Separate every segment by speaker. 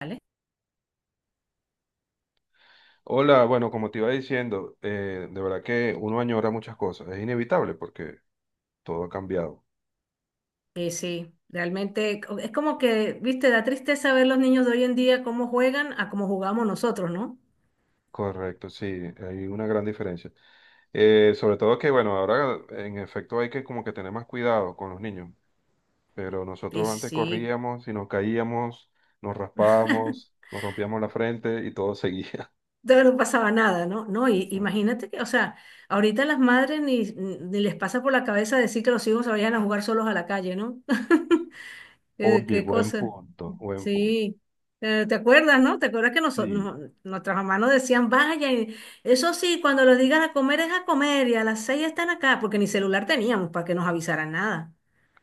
Speaker 1: ¿Vale?
Speaker 2: Hola, bueno, como te iba diciendo, de verdad que uno añora muchas cosas, es inevitable porque todo ha cambiado.
Speaker 1: Y sí, realmente es como que, viste, da tristeza ver los niños de hoy en día cómo juegan a cómo jugamos nosotros, ¿no?
Speaker 2: Correcto, sí, hay una gran diferencia. Sobre todo que, bueno, ahora en efecto hay que como que tener más cuidado con los niños, pero
Speaker 1: Y
Speaker 2: nosotros antes
Speaker 1: sí,
Speaker 2: corríamos y nos caíamos, nos raspábamos, nos rompíamos la frente y todo seguía.
Speaker 1: no pasaba nada, ¿no? No, y
Speaker 2: Exacto.
Speaker 1: imagínate que, o sea, ahorita las madres ni les pasa por la cabeza decir que los hijos se vayan a jugar solos a la calle, ¿no?
Speaker 2: Oye,
Speaker 1: ¿Qué
Speaker 2: buen
Speaker 1: cosa?
Speaker 2: punto, buen punto.
Speaker 1: Sí. ¿Te acuerdas? No, ¿te acuerdas que
Speaker 2: Sí.
Speaker 1: nuestras mamás nos decían, vaya, y eso sí, cuando los digan a comer es a comer y a las 6 están acá, porque ni celular teníamos para que nos avisaran nada?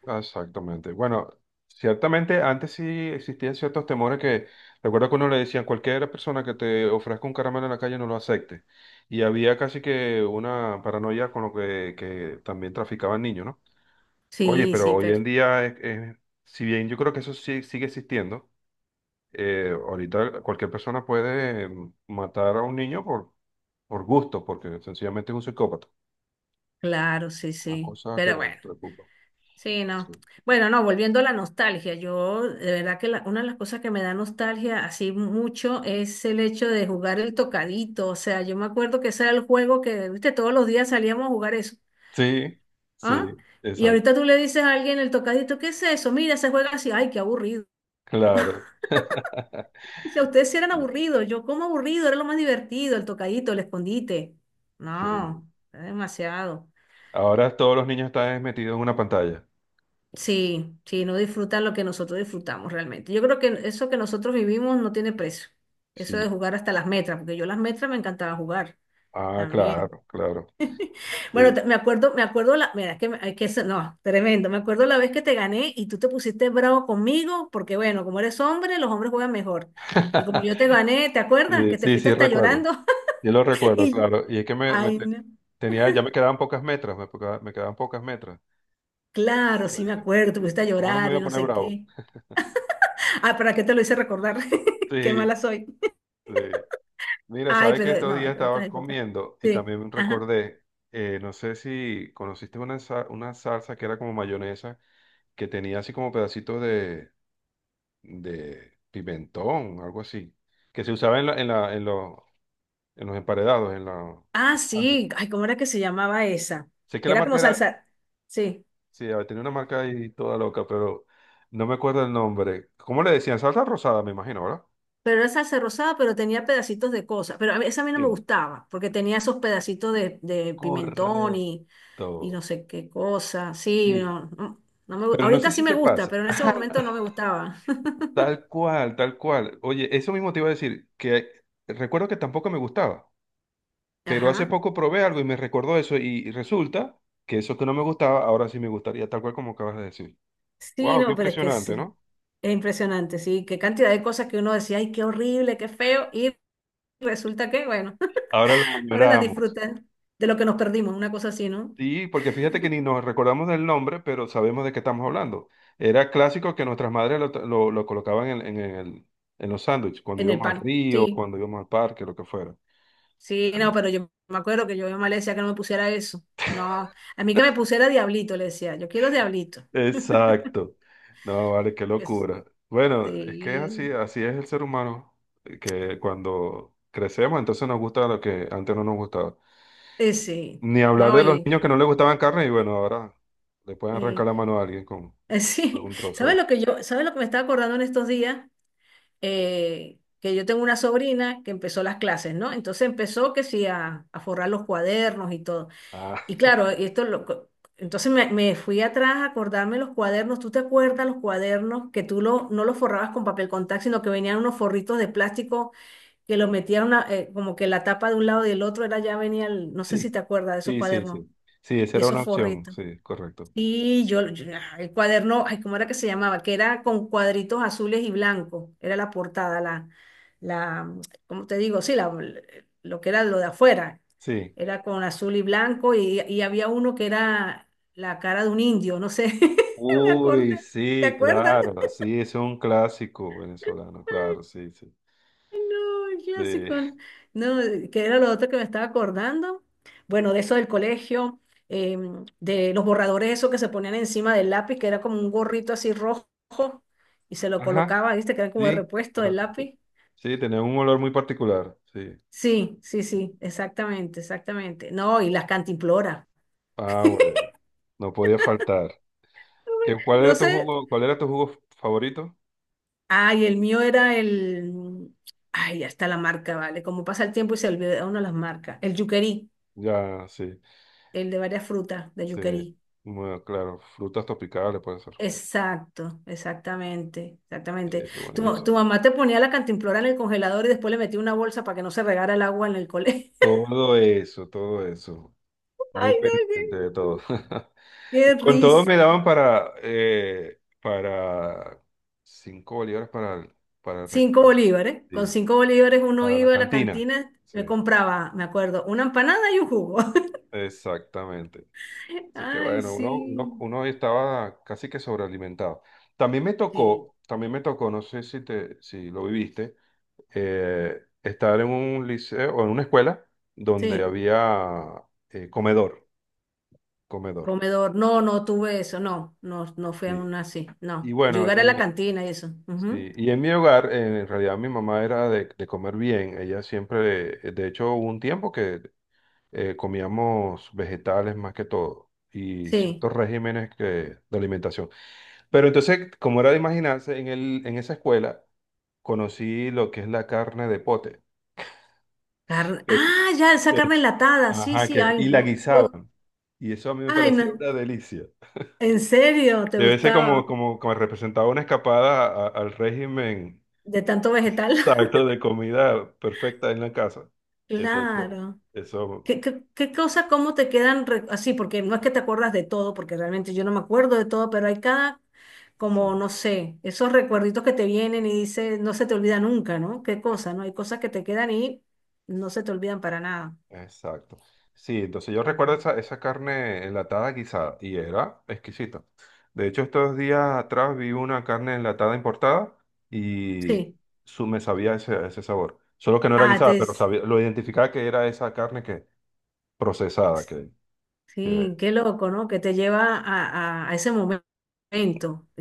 Speaker 2: Exactamente. Bueno, ciertamente antes sí existían ciertos temores que, recuerdo que uno le decían, cualquier persona que te ofrezca un caramelo en la calle no lo acepte. Y había casi que una paranoia con lo que también traficaban niños, ¿no? Oye,
Speaker 1: Sí, sí,
Speaker 2: pero hoy
Speaker 1: pero
Speaker 2: en día, si bien yo creo que eso sí, sigue existiendo, ahorita cualquier persona puede matar a un niño por gusto, porque sencillamente es un psicópata.
Speaker 1: claro, sí,
Speaker 2: Una
Speaker 1: sí.
Speaker 2: cosa que
Speaker 1: Pero bueno,
Speaker 2: preocupa.
Speaker 1: sí, no.
Speaker 2: Sí,
Speaker 1: Bueno, no, volviendo a la nostalgia, yo de verdad que una de las cosas que me da nostalgia así mucho es el hecho de jugar el tocadito. O sea, yo me acuerdo que ese era el juego que, viste, todos los días salíamos a jugar eso.
Speaker 2: sí,
Speaker 1: ¿Ah?
Speaker 2: sí,
Speaker 1: Y ahorita
Speaker 2: exacto.
Speaker 1: tú le dices a alguien el tocadito, ¿qué es eso? Mira, se juega así, ay, qué aburrido.
Speaker 2: Claro.
Speaker 1: Dice: "A ustedes sí eran
Speaker 2: Sí,
Speaker 1: aburridos, yo como aburrido, era lo más divertido, el tocadito, el escondite".
Speaker 2: sí.
Speaker 1: No, era demasiado.
Speaker 2: Ahora todos los niños están metidos en una pantalla.
Speaker 1: Sí, sí, no disfrutan lo que nosotros disfrutamos realmente. Yo creo que eso que nosotros vivimos no tiene precio. Eso
Speaker 2: Sí.
Speaker 1: de jugar hasta las metras, porque yo las metras me encantaba jugar
Speaker 2: Ah,
Speaker 1: también.
Speaker 2: claro, claro.
Speaker 1: Bueno,
Speaker 2: Sí.
Speaker 1: me acuerdo la, mira, es que, es que eso, no, tremendo. Me acuerdo la vez que te gané y tú te pusiste bravo conmigo, porque bueno, como eres hombre, los hombres juegan mejor. Y como yo te gané, ¿te acuerdas?
Speaker 2: Sí,
Speaker 1: Que te
Speaker 2: sí,
Speaker 1: fuiste
Speaker 2: sí,
Speaker 1: hasta
Speaker 2: recuerdo.
Speaker 1: llorando.
Speaker 2: Yo lo recuerdo,
Speaker 1: Y,
Speaker 2: claro. Y es que
Speaker 1: ay, no.
Speaker 2: tenía, ya me quedaban pocas metras, me quedaban pocas metras.
Speaker 1: Claro, sí me
Speaker 2: Exactamente.
Speaker 1: acuerdo, te pusiste a
Speaker 2: Ahora me
Speaker 1: llorar
Speaker 2: voy
Speaker 1: y
Speaker 2: a
Speaker 1: no
Speaker 2: poner
Speaker 1: sé
Speaker 2: bravo.
Speaker 1: qué. Ah, ¿para qué te lo hice recordar? Qué
Speaker 2: Sí,
Speaker 1: mala soy.
Speaker 2: sí. Mira,
Speaker 1: Ay,
Speaker 2: sabes que
Speaker 1: pero
Speaker 2: estos
Speaker 1: no,
Speaker 2: días
Speaker 1: era otra
Speaker 2: estaba
Speaker 1: época.
Speaker 2: comiendo y
Speaker 1: Sí,
Speaker 2: también
Speaker 1: ajá.
Speaker 2: recordé, no sé si conociste una, una salsa que era como mayonesa, que tenía así como pedacitos de pimentón, algo así, que se usaba en, los, en los emparedados, en la...
Speaker 1: Ah, sí. Ay, ¿cómo era que se llamaba esa?
Speaker 2: Sé que la
Speaker 1: Era
Speaker 2: marca
Speaker 1: como
Speaker 2: era,
Speaker 1: salsa. Sí,
Speaker 2: sí, tenía una marca ahí toda loca, pero no me acuerdo el nombre. ¿Cómo le decían? Salsa rosada, me imagino, ¿verdad?
Speaker 1: pero era salsa rosada, pero tenía pedacitos de cosas. Pero esa a mí no me
Speaker 2: Sí.
Speaker 1: gustaba, porque tenía esos pedacitos de pimentón
Speaker 2: Correcto.
Speaker 1: y no sé qué cosa. Sí,
Speaker 2: Sí.
Speaker 1: no, no,
Speaker 2: Pero no
Speaker 1: ahorita
Speaker 2: sé
Speaker 1: sí
Speaker 2: si
Speaker 1: me
Speaker 2: te
Speaker 1: gusta,
Speaker 2: pasa.
Speaker 1: pero en ese momento no me gustaba.
Speaker 2: Tal cual, tal cual. Oye, eso mismo te iba a decir, que recuerdo que tampoco me gustaba, pero hace
Speaker 1: Ajá.
Speaker 2: poco probé algo y me recordó eso y resulta que eso que no me gustaba, ahora sí me gustaría, tal cual como acabas de decir.
Speaker 1: Sí,
Speaker 2: Wow, qué
Speaker 1: no, pero es que
Speaker 2: impresionante,
Speaker 1: sí.
Speaker 2: ¿no?
Speaker 1: Es impresionante, sí. Qué cantidad de cosas que uno decía, ay, qué horrible, qué feo. Y resulta que, bueno.
Speaker 2: Ahora lo
Speaker 1: Ahora las
Speaker 2: añoramos.
Speaker 1: disfrutas de lo que nos perdimos, una cosa así, ¿no?
Speaker 2: Sí, porque fíjate que ni nos recordamos del nombre, pero sabemos de qué estamos hablando. Era clásico que nuestras madres lo, lo colocaban en, en los sándwiches, cuando
Speaker 1: En el
Speaker 2: íbamos al
Speaker 1: pan.
Speaker 2: río,
Speaker 1: Sí,
Speaker 2: cuando íbamos al parque, lo que fuera.
Speaker 1: sí, no,
Speaker 2: Claro.
Speaker 1: pero yo me acuerdo que yo a mi mamá le decía que no me pusiera eso. No, a mí que me pusiera diablito, le decía, yo quiero diablito.
Speaker 2: Exacto. No, vale, qué
Speaker 1: Es-
Speaker 2: locura. Bueno, es que
Speaker 1: Sí,
Speaker 2: así, así es el ser humano, que cuando crecemos, entonces nos gusta lo que antes no nos gustaba.
Speaker 1: sí,
Speaker 2: Ni hablar
Speaker 1: no,
Speaker 2: de los niños que no les gustaban carne y bueno, ahora le pueden arrancar
Speaker 1: y-
Speaker 2: la mano a alguien con... Es
Speaker 1: sí.
Speaker 2: un trozo
Speaker 1: ¿Sabes
Speaker 2: de...
Speaker 1: lo que yo, sabes lo que me estaba acordando en estos días? Que yo tengo una sobrina que empezó las clases, ¿no? Entonces empezó que sí a forrar los cuadernos y todo.
Speaker 2: Ah,
Speaker 1: Y claro, esto entonces me fui atrás a acordarme los cuadernos. ¿Tú te acuerdas los cuadernos que tú lo, no los forrabas con papel contact, sino que venían unos forritos de plástico que los metían como que la tapa de un lado y del otro era ya venía el? No sé
Speaker 2: sí.
Speaker 1: si te acuerdas de esos
Speaker 2: Sí, sí,
Speaker 1: cuadernos
Speaker 2: sí. Sí, esa
Speaker 1: y
Speaker 2: era
Speaker 1: esos
Speaker 2: una opción.
Speaker 1: forritos.
Speaker 2: Sí, correcto.
Speaker 1: Y ah, el cuaderno, ay, ¿cómo era que se llamaba? Que era con cuadritos azules y blancos, era la portada, la, ¿cómo te digo? Sí, la, lo que era lo de afuera,
Speaker 2: Sí.
Speaker 1: era con azul y blanco y había uno que era la cara de un indio, no sé, me acordé,
Speaker 2: Uy,
Speaker 1: ¿te
Speaker 2: sí,
Speaker 1: acuerdas?
Speaker 2: claro. Sí, es un clásico venezolano, claro, sí, sí.
Speaker 1: No, el
Speaker 2: Sí.
Speaker 1: clásico. No, no, que era lo otro que me estaba acordando. Bueno, de eso del colegio, de los borradores, eso que se ponían encima del lápiz, que era como un gorrito así rojo y se lo
Speaker 2: Ajá,
Speaker 1: colocaba, ¿viste? Que era como de
Speaker 2: sí,
Speaker 1: repuesto del
Speaker 2: correcto. Sí,
Speaker 1: lápiz.
Speaker 2: sí, tenía un olor muy particular. Sí.
Speaker 1: Sí, sí, sí, exactamente, exactamente. No, y las cantimploras.
Speaker 2: Ah, bueno, no podía faltar. ¿Qué, cuál
Speaker 1: No
Speaker 2: era tu
Speaker 1: sé.
Speaker 2: jugo, cuál era tu jugo favorito?
Speaker 1: Ay, el mío era el. Ay, ya está la marca, ¿vale? Como pasa el tiempo y se olvida uno las marcas. El yuquerí,
Speaker 2: Ya, sí,
Speaker 1: el de varias frutas, de
Speaker 2: sí.
Speaker 1: yuquerí.
Speaker 2: Bueno, claro, frutas tropicales puede ser.
Speaker 1: Exacto, exactamente, exactamente. Tu, ma-
Speaker 2: Buenísimo.
Speaker 1: tu mamá te ponía la cantimplora en el congelador y después le metía una bolsa para que no se regara el agua en el colegio.
Speaker 2: Todo eso, todo eso. Muy
Speaker 1: Ay, no,
Speaker 2: pendiente de todo.
Speaker 1: qué
Speaker 2: Y con todo me
Speaker 1: risa.
Speaker 2: daban para 5 bolívares para, para,
Speaker 1: Cinco
Speaker 2: para...
Speaker 1: bolívares. Con
Speaker 2: sí,
Speaker 1: 5 bolívares uno
Speaker 2: para la
Speaker 1: iba a la
Speaker 2: cantina.
Speaker 1: cantina,
Speaker 2: Sí,
Speaker 1: me compraba, me acuerdo, una empanada y un jugo.
Speaker 2: exactamente. Así que
Speaker 1: Ay,
Speaker 2: bueno,
Speaker 1: sí,
Speaker 2: uno estaba casi que sobrealimentado.
Speaker 1: sí,
Speaker 2: También me tocó, no sé si te, si lo viviste, estar en un liceo o en una escuela donde
Speaker 1: sí.
Speaker 2: había comedor, comedor.
Speaker 1: Comedor, no, no tuve eso, no, no, no fui a
Speaker 2: Sí.
Speaker 1: una así,
Speaker 2: Y
Speaker 1: no. Yo
Speaker 2: bueno,
Speaker 1: iba a la
Speaker 2: en...
Speaker 1: cantina y eso. Ujú.
Speaker 2: Sí, y en mi hogar, en realidad mi mamá era de comer bien. Ella siempre, de hecho, hubo un tiempo que comíamos vegetales más que todo y
Speaker 1: Sí.
Speaker 2: ciertos regímenes que, de alimentación. Pero entonces, como era de imaginarse, en esa escuela conocí lo que es la carne de pote. que es-
Speaker 1: Ah, ya, esa
Speaker 2: que
Speaker 1: carne
Speaker 2: es-
Speaker 1: enlatada. Sí,
Speaker 2: ajá,
Speaker 1: sí,
Speaker 2: que,
Speaker 1: ay,
Speaker 2: y la
Speaker 1: no.
Speaker 2: guisaban. Y eso a mí me
Speaker 1: Ay,
Speaker 2: parecía
Speaker 1: no.
Speaker 2: una delicia.
Speaker 1: ¿En serio te
Speaker 2: Debe ser como,
Speaker 1: gustaba?
Speaker 2: como, como representaba una escapada a... al régimen.
Speaker 1: De tanto vegetal.
Speaker 2: Exacto, de comida perfecta en la casa. Entonces,
Speaker 1: Claro.
Speaker 2: eso,
Speaker 1: ¿Qué cosa, cómo te quedan así? Porque no es que te acuerdas de todo, porque realmente yo no me acuerdo de todo, pero hay cada, como,
Speaker 2: sí,
Speaker 1: no sé, esos recuerditos que te vienen y dices, no se te olvida nunca, ¿no? ¿Qué cosa, no? Hay cosas que te quedan y no se te olvidan para nada.
Speaker 2: exacto. Sí, entonces yo
Speaker 1: Para
Speaker 2: recuerdo
Speaker 1: nada.
Speaker 2: esa, esa carne enlatada guisada y era exquisita. De hecho, estos días atrás vi una carne enlatada importada y
Speaker 1: Sí.
Speaker 2: su, me sabía ese, ese sabor. Solo que no era
Speaker 1: Ah,
Speaker 2: guisada,
Speaker 1: te,
Speaker 2: pero sabía, lo identificaba que era esa carne que procesada que, que-
Speaker 1: sí, qué loco, ¿no? Que te lleva a ese momento. Es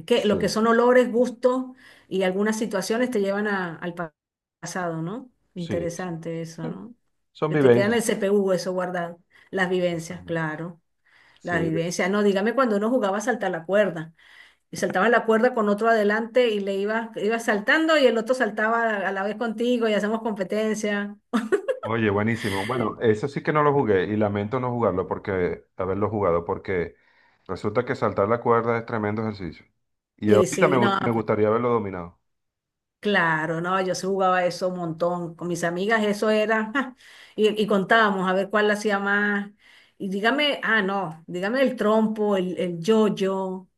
Speaker 1: que lo que
Speaker 2: sí,
Speaker 1: son olores, gustos y algunas situaciones te llevan pasado, ¿no?
Speaker 2: sí, sí.
Speaker 1: Interesante eso,
Speaker 2: Sí,
Speaker 1: ¿no?
Speaker 2: son
Speaker 1: Que te quedan en
Speaker 2: vivencias.
Speaker 1: el CPU eso guardado. Las vivencias,
Speaker 2: Exactamente.
Speaker 1: claro. Las
Speaker 2: Sí.
Speaker 1: vivencias. No, dígame cuando uno jugaba a saltar la cuerda. Y saltaba la cuerda con otro adelante y le iba saltando y el otro saltaba a la vez contigo y hacemos competencia.
Speaker 2: Oye, buenísimo. Bueno, eso sí que no lo jugué y lamento no jugarlo porque haberlo jugado porque resulta que saltar la cuerda es tremendo ejercicio. Y
Speaker 1: Y
Speaker 2: ahorita
Speaker 1: sí, no,
Speaker 2: me
Speaker 1: pues,
Speaker 2: gustaría haberlo dominado.
Speaker 1: claro, no, yo sí jugaba eso un montón. Con mis amigas eso era, y contábamos a ver cuál la hacía más. Y dígame, ah, no, dígame el trompo, el, yo-yo,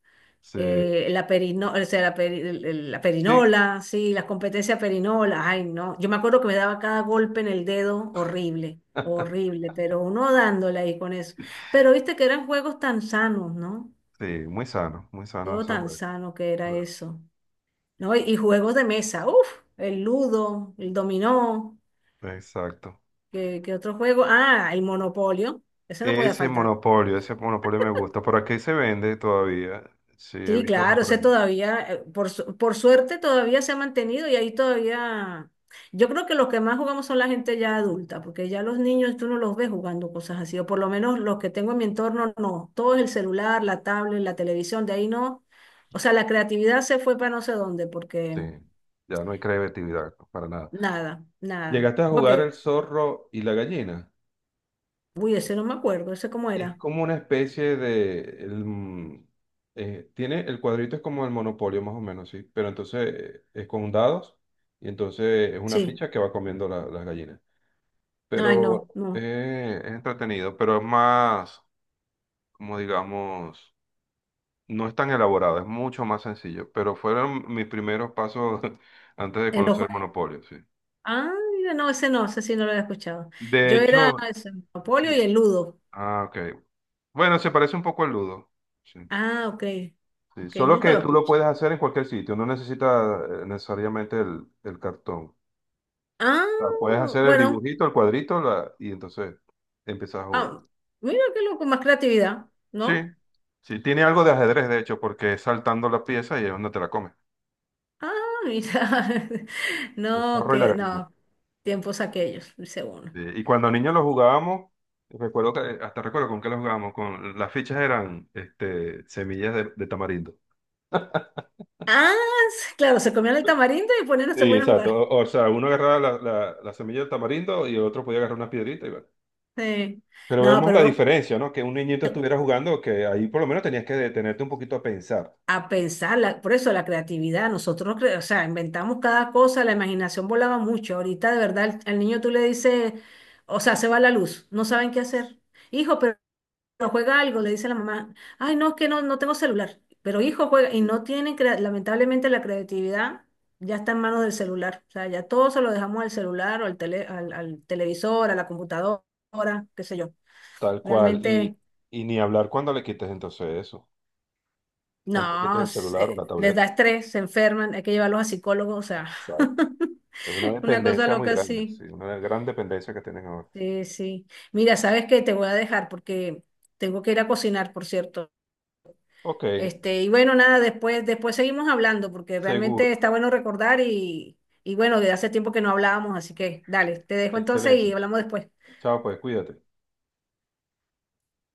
Speaker 2: Sí,
Speaker 1: o sea, la
Speaker 2: sí,
Speaker 1: perinola, sí, las competencias perinola, ay, no. Yo me acuerdo que me daba cada golpe en el dedo horrible, horrible, pero uno dándole ahí con eso. Pero viste que eran juegos tan sanos, ¿no?
Speaker 2: sí, muy sano
Speaker 1: Todo
Speaker 2: esos
Speaker 1: tan
Speaker 2: juegos.
Speaker 1: sano que era
Speaker 2: Claro.
Speaker 1: eso. ¿No? Y juegos de mesa, uff, el ludo, el dominó,
Speaker 2: Exacto.
Speaker 1: ¿qué otro juego? Ah, el monopolio, eso no podía faltar.
Speaker 2: Ese monopolio me gusta. Por aquí se vende todavía. Sí, he
Speaker 1: Sí,
Speaker 2: visto uno
Speaker 1: claro,
Speaker 2: por
Speaker 1: ese
Speaker 2: allí.
Speaker 1: todavía, por suerte todavía se ha mantenido y ahí todavía, yo creo que los que más jugamos son la gente ya adulta, porque ya los niños tú no los ves jugando cosas así, o por lo menos los que tengo en mi entorno no, todo es el celular, la tablet, la televisión, de ahí no, o sea, la creatividad se fue para no sé dónde,
Speaker 2: Sí,
Speaker 1: porque
Speaker 2: ya no hay creatividad para nada.
Speaker 1: nada, nada,
Speaker 2: ¿Llegaste a jugar
Speaker 1: porque,
Speaker 2: el zorro y la gallina?
Speaker 1: uy, ese no me acuerdo, ese cómo
Speaker 2: Es
Speaker 1: era.
Speaker 2: como una especie de... tiene, el cuadrito es como el monopolio más o menos, ¿sí? Pero entonces es con dados y entonces es una
Speaker 1: Sí.
Speaker 2: ficha que va comiendo las gallinas.
Speaker 1: Ay,
Speaker 2: Pero
Speaker 1: no, no.
Speaker 2: es entretenido, pero es más, como digamos, no es tan elaborado, es mucho más sencillo. Pero fueron mis primeros pasos antes de
Speaker 1: El ojo.
Speaker 2: conocer monopolio, sí.
Speaker 1: Ah, mira, no, ese no, ese sí no lo había escuchado.
Speaker 2: De
Speaker 1: Yo era
Speaker 2: hecho,
Speaker 1: ese, el Monopolio y
Speaker 2: sí.
Speaker 1: el Ludo.
Speaker 2: Ah, ok. Bueno, se parece un poco al Ludo. Sí.
Speaker 1: Ah, ok.
Speaker 2: Sí,
Speaker 1: Ok,
Speaker 2: solo
Speaker 1: nunca
Speaker 2: que
Speaker 1: lo
Speaker 2: tú lo puedes
Speaker 1: escuché.
Speaker 2: hacer en cualquier sitio, no necesitas necesariamente el cartón.
Speaker 1: Ah,
Speaker 2: O sea, puedes hacer el
Speaker 1: bueno.
Speaker 2: dibujito, el cuadrito, y entonces empiezas a jugar.
Speaker 1: Ah, mira qué loco, más creatividad,
Speaker 2: Sí,
Speaker 1: ¿no?
Speaker 2: sí, tiene algo de ajedrez, de hecho, porque es saltando la pieza y es donde te la comes.
Speaker 1: Ah, mira.
Speaker 2: El
Speaker 1: No,
Speaker 2: zorro y la
Speaker 1: que,
Speaker 2: gallina.
Speaker 1: no. Tiempos aquellos, dice uno.
Speaker 2: Sí, y cuando niños lo jugábamos, recuerdo que, hasta recuerdo con qué lo jugábamos, con las fichas eran este, semillas de tamarindo.
Speaker 1: Ah, sí, claro, se comían el tamarindo y ponían, se
Speaker 2: Sí,
Speaker 1: ponían a
Speaker 2: exacto.
Speaker 1: jugar.
Speaker 2: O sea, uno agarraba la, la, la semilla del tamarindo y el otro podía agarrar una piedrita y bueno.
Speaker 1: Sí.
Speaker 2: Pero
Speaker 1: No,
Speaker 2: vemos
Speaker 1: pero
Speaker 2: la diferencia, ¿no? Que un niñito estuviera jugando, que ahí por lo menos tenías que detenerte un poquito a pensar,
Speaker 1: a pensar, por eso la creatividad, nosotros, o sea, inventamos cada cosa, la imaginación volaba mucho, ahorita de verdad al niño tú le dices, o sea, se va la luz, no saben qué hacer. Hijo, pero juega algo, le dice la mamá, ay, no, es que no, no tengo celular, pero hijo juega, y no tienen, lamentablemente la creatividad ya está en manos del celular, o sea, ya todo se lo dejamos al celular o al televisor, a la computadora, qué sé yo,
Speaker 2: tal cual,
Speaker 1: realmente...
Speaker 2: y ni hablar cuando le quites entonces eso, cuando le quites
Speaker 1: No,
Speaker 2: el celular o la
Speaker 1: les
Speaker 2: tableta,
Speaker 1: da estrés, se enferman, hay que llevarlos a psicólogos, o sea,
Speaker 2: ¿sabes? Es una
Speaker 1: una cosa
Speaker 2: dependencia muy
Speaker 1: loca
Speaker 2: grande, sí,
Speaker 1: así.
Speaker 2: una gran dependencia que tienen ahora.
Speaker 1: Sí, sí. Mira, ¿sabes qué? Te voy a dejar porque tengo que ir a cocinar, por cierto.
Speaker 2: Ok,
Speaker 1: Este, y bueno, nada, después seguimos hablando porque
Speaker 2: seguro,
Speaker 1: realmente está bueno recordar y bueno, de hace tiempo que no hablábamos, así que dale, te dejo entonces y
Speaker 2: excelente.
Speaker 1: hablamos después.
Speaker 2: Chao, pues cuídate.